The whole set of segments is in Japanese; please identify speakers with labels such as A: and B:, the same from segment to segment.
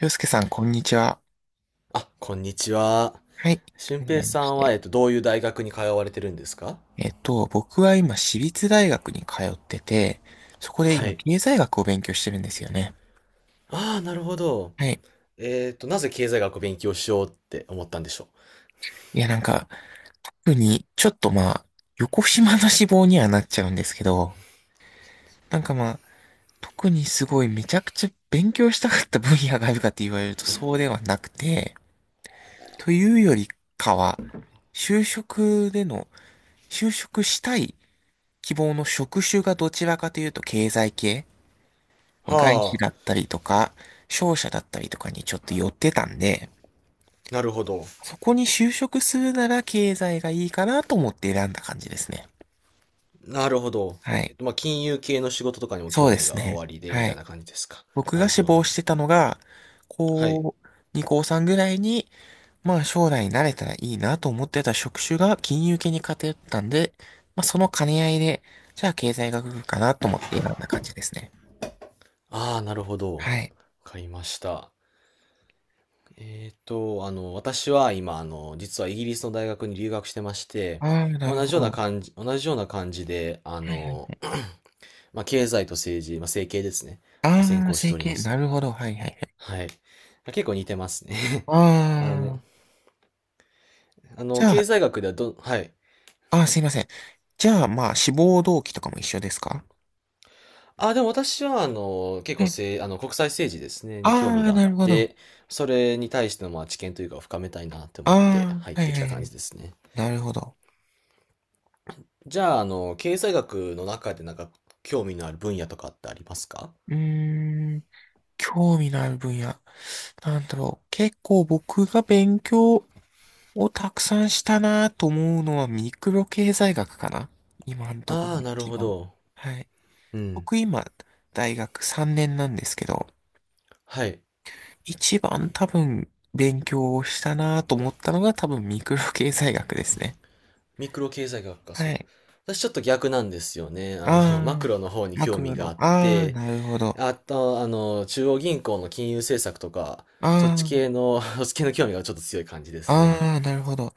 A: 洋介さん、こんにちは。
B: あ、こんにちは。
A: はい。
B: 俊
A: はじめ
B: 平
A: ま
B: さ
A: し
B: んは、
A: て。
B: どういう大学に通われてるんですか？
A: 僕は今、私立大学に通ってて、そこで
B: は
A: 今、
B: い。
A: 経済学を勉強してるんですよね。
B: ああ、なるほど。
A: はい。
B: なぜ経済学を勉強しようって思ったんでしょ
A: いや、なんか、特に、ちょっとまあ、横島な志望にはなっちゃうんですけど、なんかまあ、特にすごいめちゃくちゃ勉強したかった分野があるかって言われるとそうではなくて、というよりかは、就職での、就職したい希望の職種がどちらかというと経済系、ま
B: う？
A: あ外
B: は
A: 資
B: あ、
A: だったりとか、商社だったりとかにちょっと寄ってたんで、
B: なるほど。
A: そこに就職するなら経済がいいかなと思って選んだ感じですね。
B: なるほど。
A: はい。
B: まあ、金融系の仕事とかにも
A: そう
B: 興
A: で
B: 味
A: す
B: がお
A: ね。
B: ありで、み
A: は
B: たい
A: い。
B: な感じですか？
A: 僕
B: な
A: が
B: るほ
A: 志
B: ど、な
A: 望
B: る
A: し
B: ほど。
A: てたのが、高
B: はい。
A: 2、高3ぐらいに、まあ将来慣れたらいいなと思ってた職種が金融系に偏ったんで、まあその兼ね合いで、じゃあ経済学部かなと思って選んだ感じですね。
B: ああ、なるほど。わ
A: はい。
B: かりました。私は今、実はイギリスの大学に留学してまして、
A: ああ、なる
B: 同じ
A: ほ
B: ような
A: ど。
B: 感じ、同じような感じで、
A: はいはい。
B: まあ、経済と政治、まあ、政経ですね。を専
A: ああ、
B: 攻し
A: 整
B: ておりま
A: 形、
B: す
A: な
B: ね。
A: るほど。はいはい。
B: はい。結構似てますね。
A: あ
B: あの、
A: あ、じゃ
B: 経
A: あ、
B: 済学では。はい。
A: すいません。じゃあ、まあ、志望動機とかも一緒ですか？
B: あ、でも私は、結
A: は
B: 構
A: い。
B: せい、あの、国際政治ですね、に興
A: あ
B: 味
A: あ、
B: があっ
A: なるほど。
B: て、それに対しての、まあ、知見というか、深めたいなって
A: あ
B: 思って入っ
A: あ、はい
B: て
A: は
B: きた
A: いは
B: 感
A: い。
B: じですね。
A: なるほど。
B: じゃあ、経済学の中で、なんか、興味のある分野とかってありますか？
A: うーん、興味のある分野。なんだろう。結構僕が勉強をたくさんしたなと思うのはミクロ経済学かな、今のところ
B: ああー、なる
A: 一
B: ほ
A: 番。
B: ど。
A: はい。
B: うん。
A: 僕今、大学3年なんですけど、
B: はい。
A: 一番多分勉強をしたなと思ったのが多分ミクロ経済学ですね。
B: ミクロ経済学か、そ
A: は
B: う。
A: い。
B: 私ちょっと逆なんですよね。マ
A: あ
B: クロの方に
A: あ、
B: 興
A: 悪魔
B: 味が
A: の、
B: あっ
A: ああ、
B: て、
A: なるほど。
B: あと、中央銀行の金融政策とか、そっち
A: あ
B: 系の、そっち系の興味がちょっと強い感じです
A: あ、
B: ね。
A: ああ、なるほど。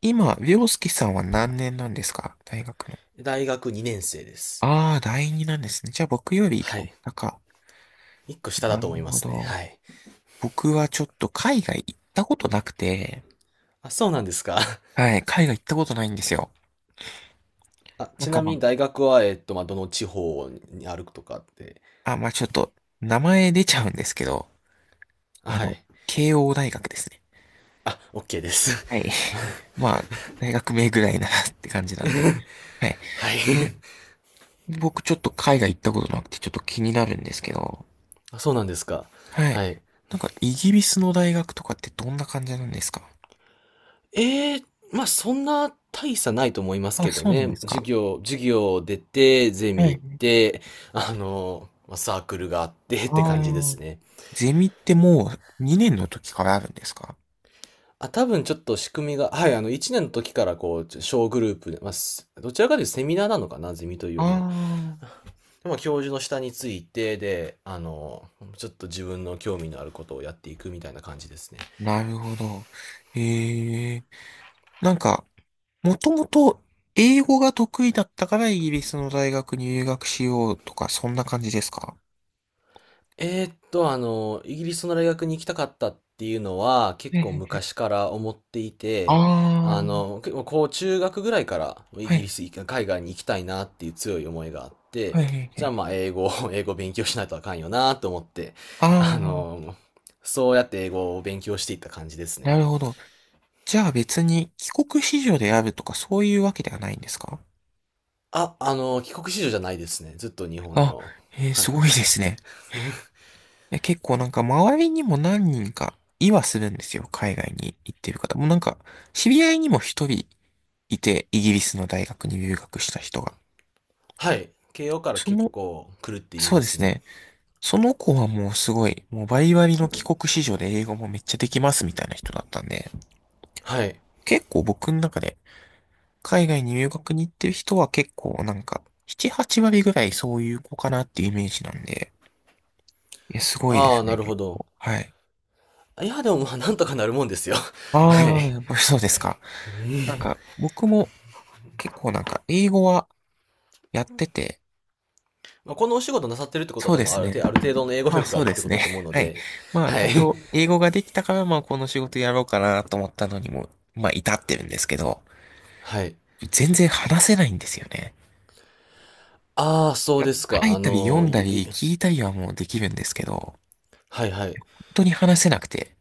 A: 今、凌介さんは何年なんですか？大学の。
B: 大学2年生です。
A: ああ、第二なんですね。じゃあ僕より一
B: は
A: 個
B: い。
A: 高。
B: 1個下だ
A: な
B: と
A: る
B: 思いま
A: ほ
B: すね。
A: ど。
B: はい。
A: 僕はちょっと海外行ったことなくて、
B: あ、そうなんですか。
A: はい、海外行ったことないんですよ。
B: あ、
A: なん
B: ち
A: か
B: なみ
A: ま
B: に大学は、まあ、どの地方にあるとかって？
A: あ、あ、まあちょっと、名前出ちゃうんですけど、
B: あ
A: あ
B: は
A: の、
B: い。
A: 慶応大学ですね。
B: あ、OK です。
A: はい。まあ、大学名ぐらいなって感じなんで。はい。
B: はい。
A: ね僕ちょっと海外行ったことなくてちょっと気になるんですけど。
B: あ、そうなんですか。
A: はい。
B: はい。
A: なんかイギリスの大学とかってどんな感じなんですか？
B: ええ、まあ、そんな大差ないと思います
A: あ、
B: けど
A: そうなんで
B: ね。
A: す
B: 授
A: か。
B: 業、授業出て、ゼ
A: は
B: ミ行っ
A: い。
B: て、まあサークルがあってって
A: あ
B: 感じで
A: ー
B: すね。
A: ゼミってもう2年の時からあるんですか？
B: あ、多分ちょっと仕組みが、はい、1年の時からこう、小グループで、まあ、どちらかというとセミナーなのかな、ゼミという
A: あ
B: よりは。
A: あー。
B: でまあ、教授の下について、で、ちょっと自分の興味のあることをやっていくみたいな感じですね。
A: なるほど。ええ。なんか、もともと英語が得意だったからイギリスの大学に留学しようとか、そんな感じですか？
B: イギリスの大学に行きたかったっていうのは結構
A: ええ、
B: 昔から思ってい
A: あ
B: て、
A: あー、
B: 結構こう中学ぐらいからイ
A: は
B: ギリ
A: い、
B: ス、海外に行きたいなっていう強い思いがあって、
A: はい、はい、は
B: じゃあ
A: い。
B: まあ英語、英語勉強しないとあかんよなと思って、
A: あ
B: あ
A: あ、
B: の、そうやって英語を勉強していった感じです
A: な
B: ね。
A: るほど。じゃあ別に帰国子女であるとかそういうわけではないんですか？
B: あ、帰国子女じゃないですね。ずっと日本
A: あ、
B: の。
A: えー
B: はい。
A: すごいですね。いや、結構なんか周りにも何人かいはするんですよ。海外に行ってる方。もうなんか知り合いにも一人いて、イギリスの大学に留学した人が。
B: はい。慶応から
A: そ
B: 結
A: の、
B: 構来るって言い
A: そう
B: ま
A: で
B: す
A: す
B: ね。
A: ね。その子はもうすごい、もうバリバリの帰国子女で英語もめっちゃできますみたいな人だったんで、
B: はい。
A: 結構僕の中で海外に留学に行ってる人は結構なんか、7、8割ぐらいそういう子かなっていうイメージなんで、いや、すごいで
B: ああ、
A: す
B: な
A: ね、
B: るほ
A: 結
B: ど。
A: 構。はい。
B: いや、でもまあ、なんとかなるもんですよ。は
A: あ
B: い。
A: あ、やっぱり そうですか。なんか、僕も結構なんか、英語はやってて、
B: まあ、このお仕事なさってるってことは
A: そう
B: 多
A: で
B: 分あ
A: す
B: る程
A: ね。
B: 度、ある程度の英語
A: まあ
B: 力があ
A: そう
B: る
A: で
B: って
A: す
B: ことだと思う
A: ね。
B: の
A: はい。
B: で、
A: まあ
B: はい。
A: 多少、英語ができたから、まあこの仕事やろうかなと思ったのにも、まあ至ってるんですけど、
B: はい。
A: 全然話せないんですよね。
B: ああ、
A: い
B: そう
A: や、
B: です
A: 書
B: か。
A: い
B: あ
A: たり読
B: の、
A: んだ
B: い
A: り
B: い
A: 聞いたりはもうできるんですけど、本
B: はいはい。
A: 当に話せなくて。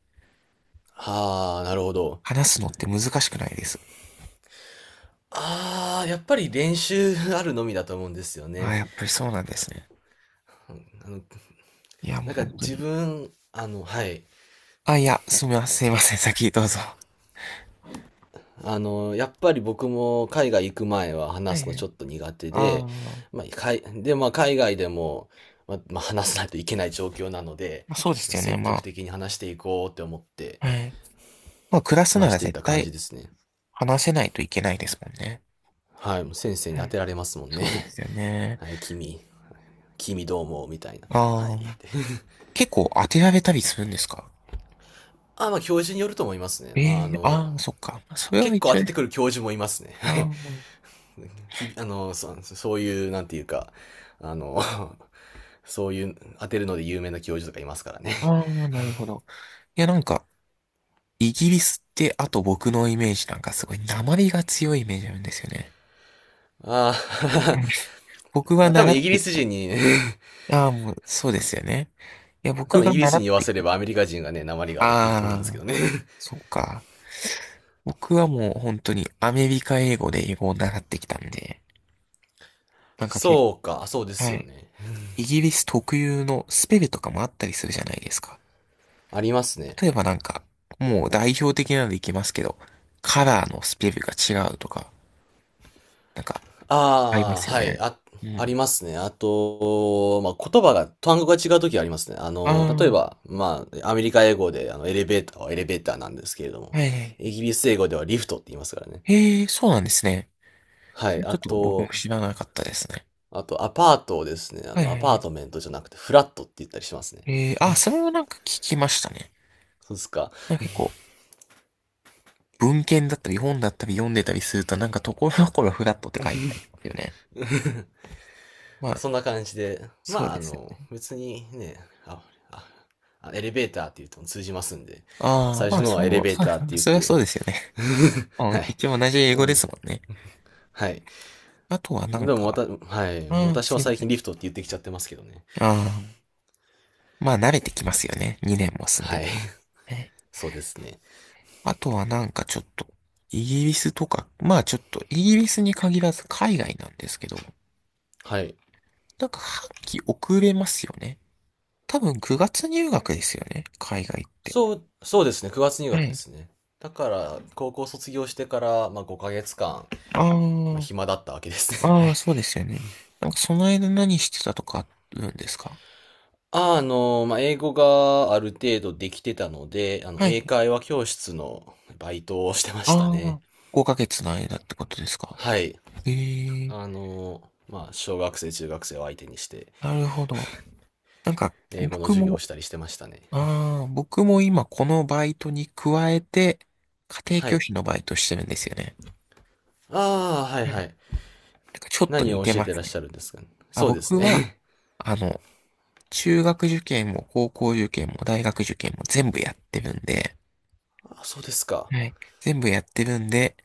B: ああ、なるほど。
A: 話すのって難しくないです？
B: ああ、やっぱり練習あるのみだと思うんですよ
A: あ、
B: ね。
A: やっぱりそうなんですね。
B: あの、
A: いや、も
B: な
A: う
B: んか
A: 本当
B: 自
A: に。
B: 分、はい。
A: あ、いや、すみません、すみません、先どうぞ。
B: やっぱり僕も海外行く前は
A: はい
B: 話すの
A: は
B: ちょ
A: い。
B: っと苦手
A: あ
B: で、
A: ー
B: まあ、まあ、海外でも、まあ話さないといけない状況なので、
A: まあ、そうで
B: ま
A: す
B: あ、
A: よね、
B: 積
A: ま
B: 極
A: あ。
B: 的に話していこうって思って
A: はい。まあ、暮らすな
B: 話し
A: ら
B: ていっ
A: 絶
B: た感
A: 対
B: じですね。
A: 話せないといけないですもんね。
B: はい、もう先生に
A: は
B: 当
A: い。
B: てられますもんね。
A: そうですよ ね。
B: はい、君、君どうも、みたいな。は
A: あ
B: い、っ
A: あ、
B: て。
A: 結構当てられたりするんですか？
B: あ、まあ、教授によると思いますね。
A: え
B: まあ、
A: えー、ああ、そっか。それは
B: 結構
A: 一
B: 当
A: 応
B: て
A: で
B: てく
A: す、
B: る教授もいますね。
A: あ ー
B: きびあの、そういう、なんていうか、あの、そういう、当てるので有名な教授とかいますからね。
A: あー、あなるほど。いや、なんか、イギリスって、あと僕のイメージなんかすごい、訛りが強いイメージあるんですよね。
B: あ
A: 僕は
B: あ、多
A: 習
B: 分イ
A: っ
B: ギ
A: て
B: リ
A: き
B: ス
A: た。
B: 人に、
A: ああ、もう、そうですよね。いや、
B: 多
A: 僕
B: 分イ
A: が
B: ギリス
A: 習
B: 人
A: っ
B: に言わ
A: てき
B: せれ
A: た。
B: ばアメリカ人がね、鉛があるって言うと思うんです
A: あ
B: け
A: あ、
B: どね。
A: そうか。僕はもう本当にアメリカ英語で英語を習ってきたんで、なんか結
B: そうか、そうで
A: 構、
B: す
A: は
B: よ
A: い。
B: ね。
A: イギリス特有のスペルとかもあったりするじゃないですか。
B: ありますね。
A: 例えばなんか、もう代表的なのでいきますけど、カラーのスペルが違うとか、なんか、ありま
B: ああ、
A: すよ
B: はい、
A: ね。
B: あ、
A: う
B: あり
A: ん。
B: ますね。あと、まあ、言葉が、単語が違うときありますね。
A: ああ、
B: 例え
A: は
B: ば、まあ、アメリカ英語で、エレベーターはエレベーターなんですけれど
A: い
B: も、
A: はい。
B: イギリス英語ではリフトって言いますからね。
A: へえ、そうなんですね。
B: は
A: それ
B: い、
A: ち
B: あ
A: ょっと僕も
B: と、
A: 知らなかったですね。
B: あと、アパートをですね、
A: はいは
B: ア
A: いは
B: パー
A: い。
B: トメントじゃなくて、フラットって言ったりしますね。
A: あ、それはなんか聞きましたね。
B: そうですか。
A: なんか結構、文献だったり本だったり読んでたりすると、なんかところどころフラットって書いてありますよね。まあ、
B: そんな感じで、
A: そう
B: まあ、
A: ですよね。
B: 別にね、あ、あ、エレベーターって言うと通じますんで、
A: ああ、
B: 最
A: ま
B: 初
A: あ、
B: の
A: それ
B: はエレ
A: も、
B: ベー
A: そう、
B: ターって言っ
A: それはそ
B: て、
A: うですよね。う
B: は
A: ん、
B: い。
A: 一応同じ英
B: で
A: 語で
B: も、
A: すもんね。
B: はい。
A: あとは
B: で
A: なん
B: も、ま
A: か、
B: た、はい。
A: ああ、
B: 私は
A: すいま
B: 最
A: せ
B: 近
A: ん。
B: リフトって言ってきちゃってますけどね。
A: ああ、まあ、慣れてきますよね。2年も住んで
B: はい。
A: たら。え、
B: そうですね。
A: あとはなんかちょっと、イギリスとか、まあちょっと、イギリスに限らず海外なんですけど、
B: はい。
A: なんか半期遅れますよね。多分9月入学ですよね。海外って。
B: そうですね。9月入
A: は
B: 学で
A: い。
B: すね。だから、高校卒業してから、まあ、5ヶ月間、まあ、
A: あ
B: 暇だったわけですね。
A: あ、
B: は
A: ああ、
B: い。
A: そうですよね。なんかその間何してたとかあるんですか？
B: まあ、英語がある程度できてたので、
A: は
B: 英
A: い。
B: 会話教室のバイトをしてま
A: あ
B: したね。
A: あ、5ヶ月の間ってことですか？
B: はい。
A: ええ、
B: まあ、小学生、中学生を相手にして、
A: なるほど。なんか
B: 英語の
A: 僕
B: 授業を
A: も、
B: したりしてましたね。
A: ああ、僕も今このバイトに加えて、家庭
B: は
A: 教
B: い。
A: 師のバイトしてるんですよね。
B: ああ、はい
A: うん、
B: は
A: な
B: い。
A: んかちょっと
B: 何
A: 似
B: を
A: て
B: 教え
A: ま
B: てら
A: す
B: っし
A: ね。
B: ゃるんですかね。
A: あ、
B: そうです
A: 僕は、
B: ね。
A: あの、中学受験も高校受験も大学受験も全部やってるんで、
B: あ、そうですか。
A: はい。全部やってるんで、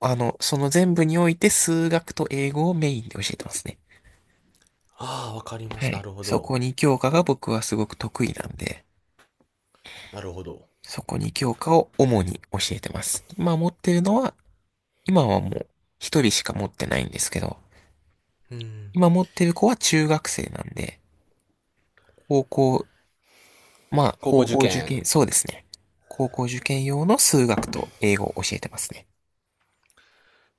A: その全部において数学と英語をメインで教えてますね。
B: ああ、わかりま
A: は
B: した。な
A: い。
B: るほ
A: そ
B: ど。
A: こに教科が僕はすごく得意なんで、
B: なるほど。
A: そこに教科を主に教えてます。今持ってるのは、今はもう一人しか持ってないんですけど、
B: うん。
A: 今持ってる子は中学生なんで、高校、まあ、
B: 高校
A: 高
B: 受
A: 校受
B: 験
A: 験、そうですね。高校受験用の数学と英語を教えてますね。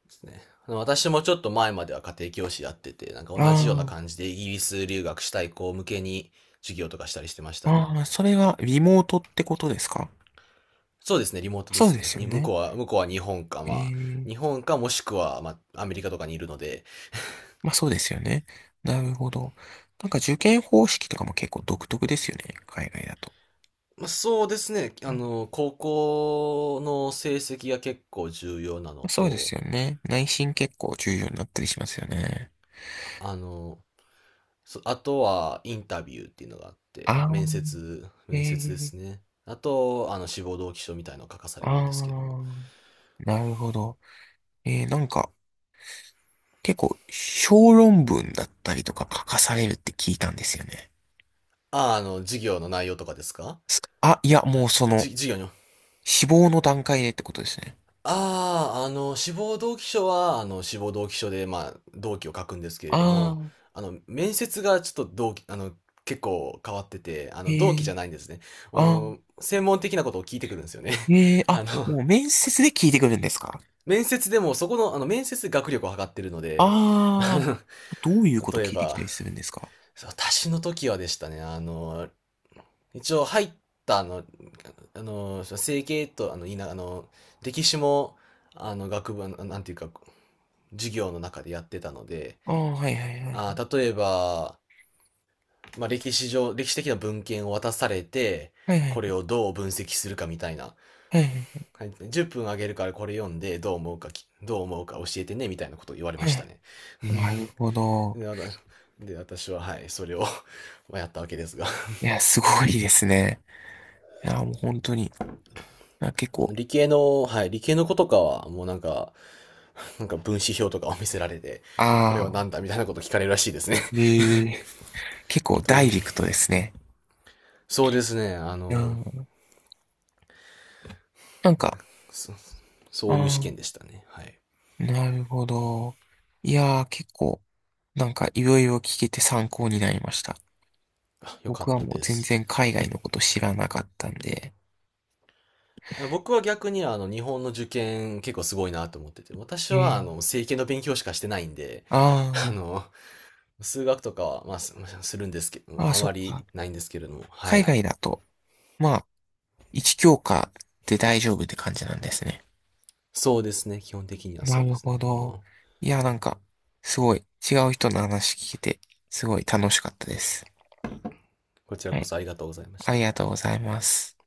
B: ですね。私もちょっと前までは家庭教師やってて、なんか同じような
A: あ
B: 感じでイギリス留学したい子向けに授業とかしたりしてました
A: あ、
B: ね。
A: ああ、それはリモートってことですか？
B: そうですね、リモートで
A: そう
B: す
A: で
B: ね。
A: すよ
B: 向
A: ね。
B: こうは、向こうは日本か、
A: え
B: まあ、日
A: え、
B: 本かもしくは、まあ、アメリカとかにいるので、
A: まあそうですよね。なるほど。なんか受験方式とかも結構独特ですよね。海外だと。
B: まあ、そうですね、
A: うん、
B: 高校の成績が結構重要なの
A: そうです
B: と、
A: よね。内申結構重要になったりしますよね。
B: あの、あとはインタビューっていうのがあって、
A: ああ、
B: 面接、
A: え
B: 面接で
A: え、
B: すね。あと、志望動機書みたいのを書かされ
A: あ
B: るんですけども。
A: あ、なるほど。ええ、なんか結構小論文だったりとか書かされるって聞いたんですよね。
B: ああ、授業の内容とかですか？
A: いや、もうその、
B: 授業に。
A: 死亡の段階でってことですね。
B: ああ、志望動機書は、志望動機書で、まあ、動機を書くんですけれど
A: あ
B: も、
A: あ、
B: 面接がちょっと動機、あの、結構変わってて、動機
A: え
B: じ
A: え、
B: ゃないんですね。
A: ああ、
B: 専門的なことを聞いてくるんですよね。
A: ええ、あ、
B: あの、
A: もう面接で聞いてくるんですか？
B: 面接でも、そこの、面接で学力を測ってるので、
A: ああ、
B: あ
A: どういうこと
B: 例え
A: 聞いてきた
B: ば、
A: りするんですか？
B: 私の時はでしたね、一応入った整形と、歴史も、学部、なんていうか、授業の中でやってたので、
A: ああ、はいはいはい。
B: 例えば、まあ、歴史的な文献を渡されて、
A: はいはいは
B: これ
A: い。
B: をどう分析するかみたいな。はい10分あげるからこれ読んで、どう思うか教えてね、みたいなことを言われま
A: はい
B: し
A: は
B: た
A: い。
B: ね。
A: なるほど。
B: で、私は、はい、それを まあやったわけですが。
A: いや、すごいですね。いや、もう本当に。あ、結構、
B: 理系の、はい、理系の子とかは、もうなんか、分子表とかを見せられて、これはな
A: ああ、
B: んだみたいなこと聞かれるらしいですね。
A: ええ、結構
B: ど
A: ダ
B: う
A: イレクトですね。
B: そうですね、
A: いやー、なんか、
B: そそ
A: あ
B: ういう試
A: あ、
B: 験でしたね。はい。
A: なるほど。いやー、結構、なんかいろいろ聞けて参考になりました。
B: あよか
A: 僕
B: っ
A: は
B: た
A: もう
B: で
A: 全
B: す。
A: 然海外のこと知らなかったんで。
B: 僕は逆に日本の受験結構すごいなと思ってて、私
A: え
B: は
A: え。
B: 政経の勉強しかしてないんで、
A: あ
B: あの、数学とかは、まあ、するんですけど、
A: あ、ああ、
B: あ
A: そ
B: ま
A: っ
B: り
A: か。
B: ないんですけれども、は
A: 海
B: い。
A: 外だと、まあ、一教科で大丈夫って感じなんですね。
B: そうですね。基本的には
A: な
B: そう
A: る
B: です
A: ほ
B: ね。
A: ど。いや、なんか、すごい、違う人の話聞けて、すごい楽しかったです。
B: こちら
A: は
B: こ
A: い。
B: そありがとうございまし
A: あり
B: た。
A: がとうございます。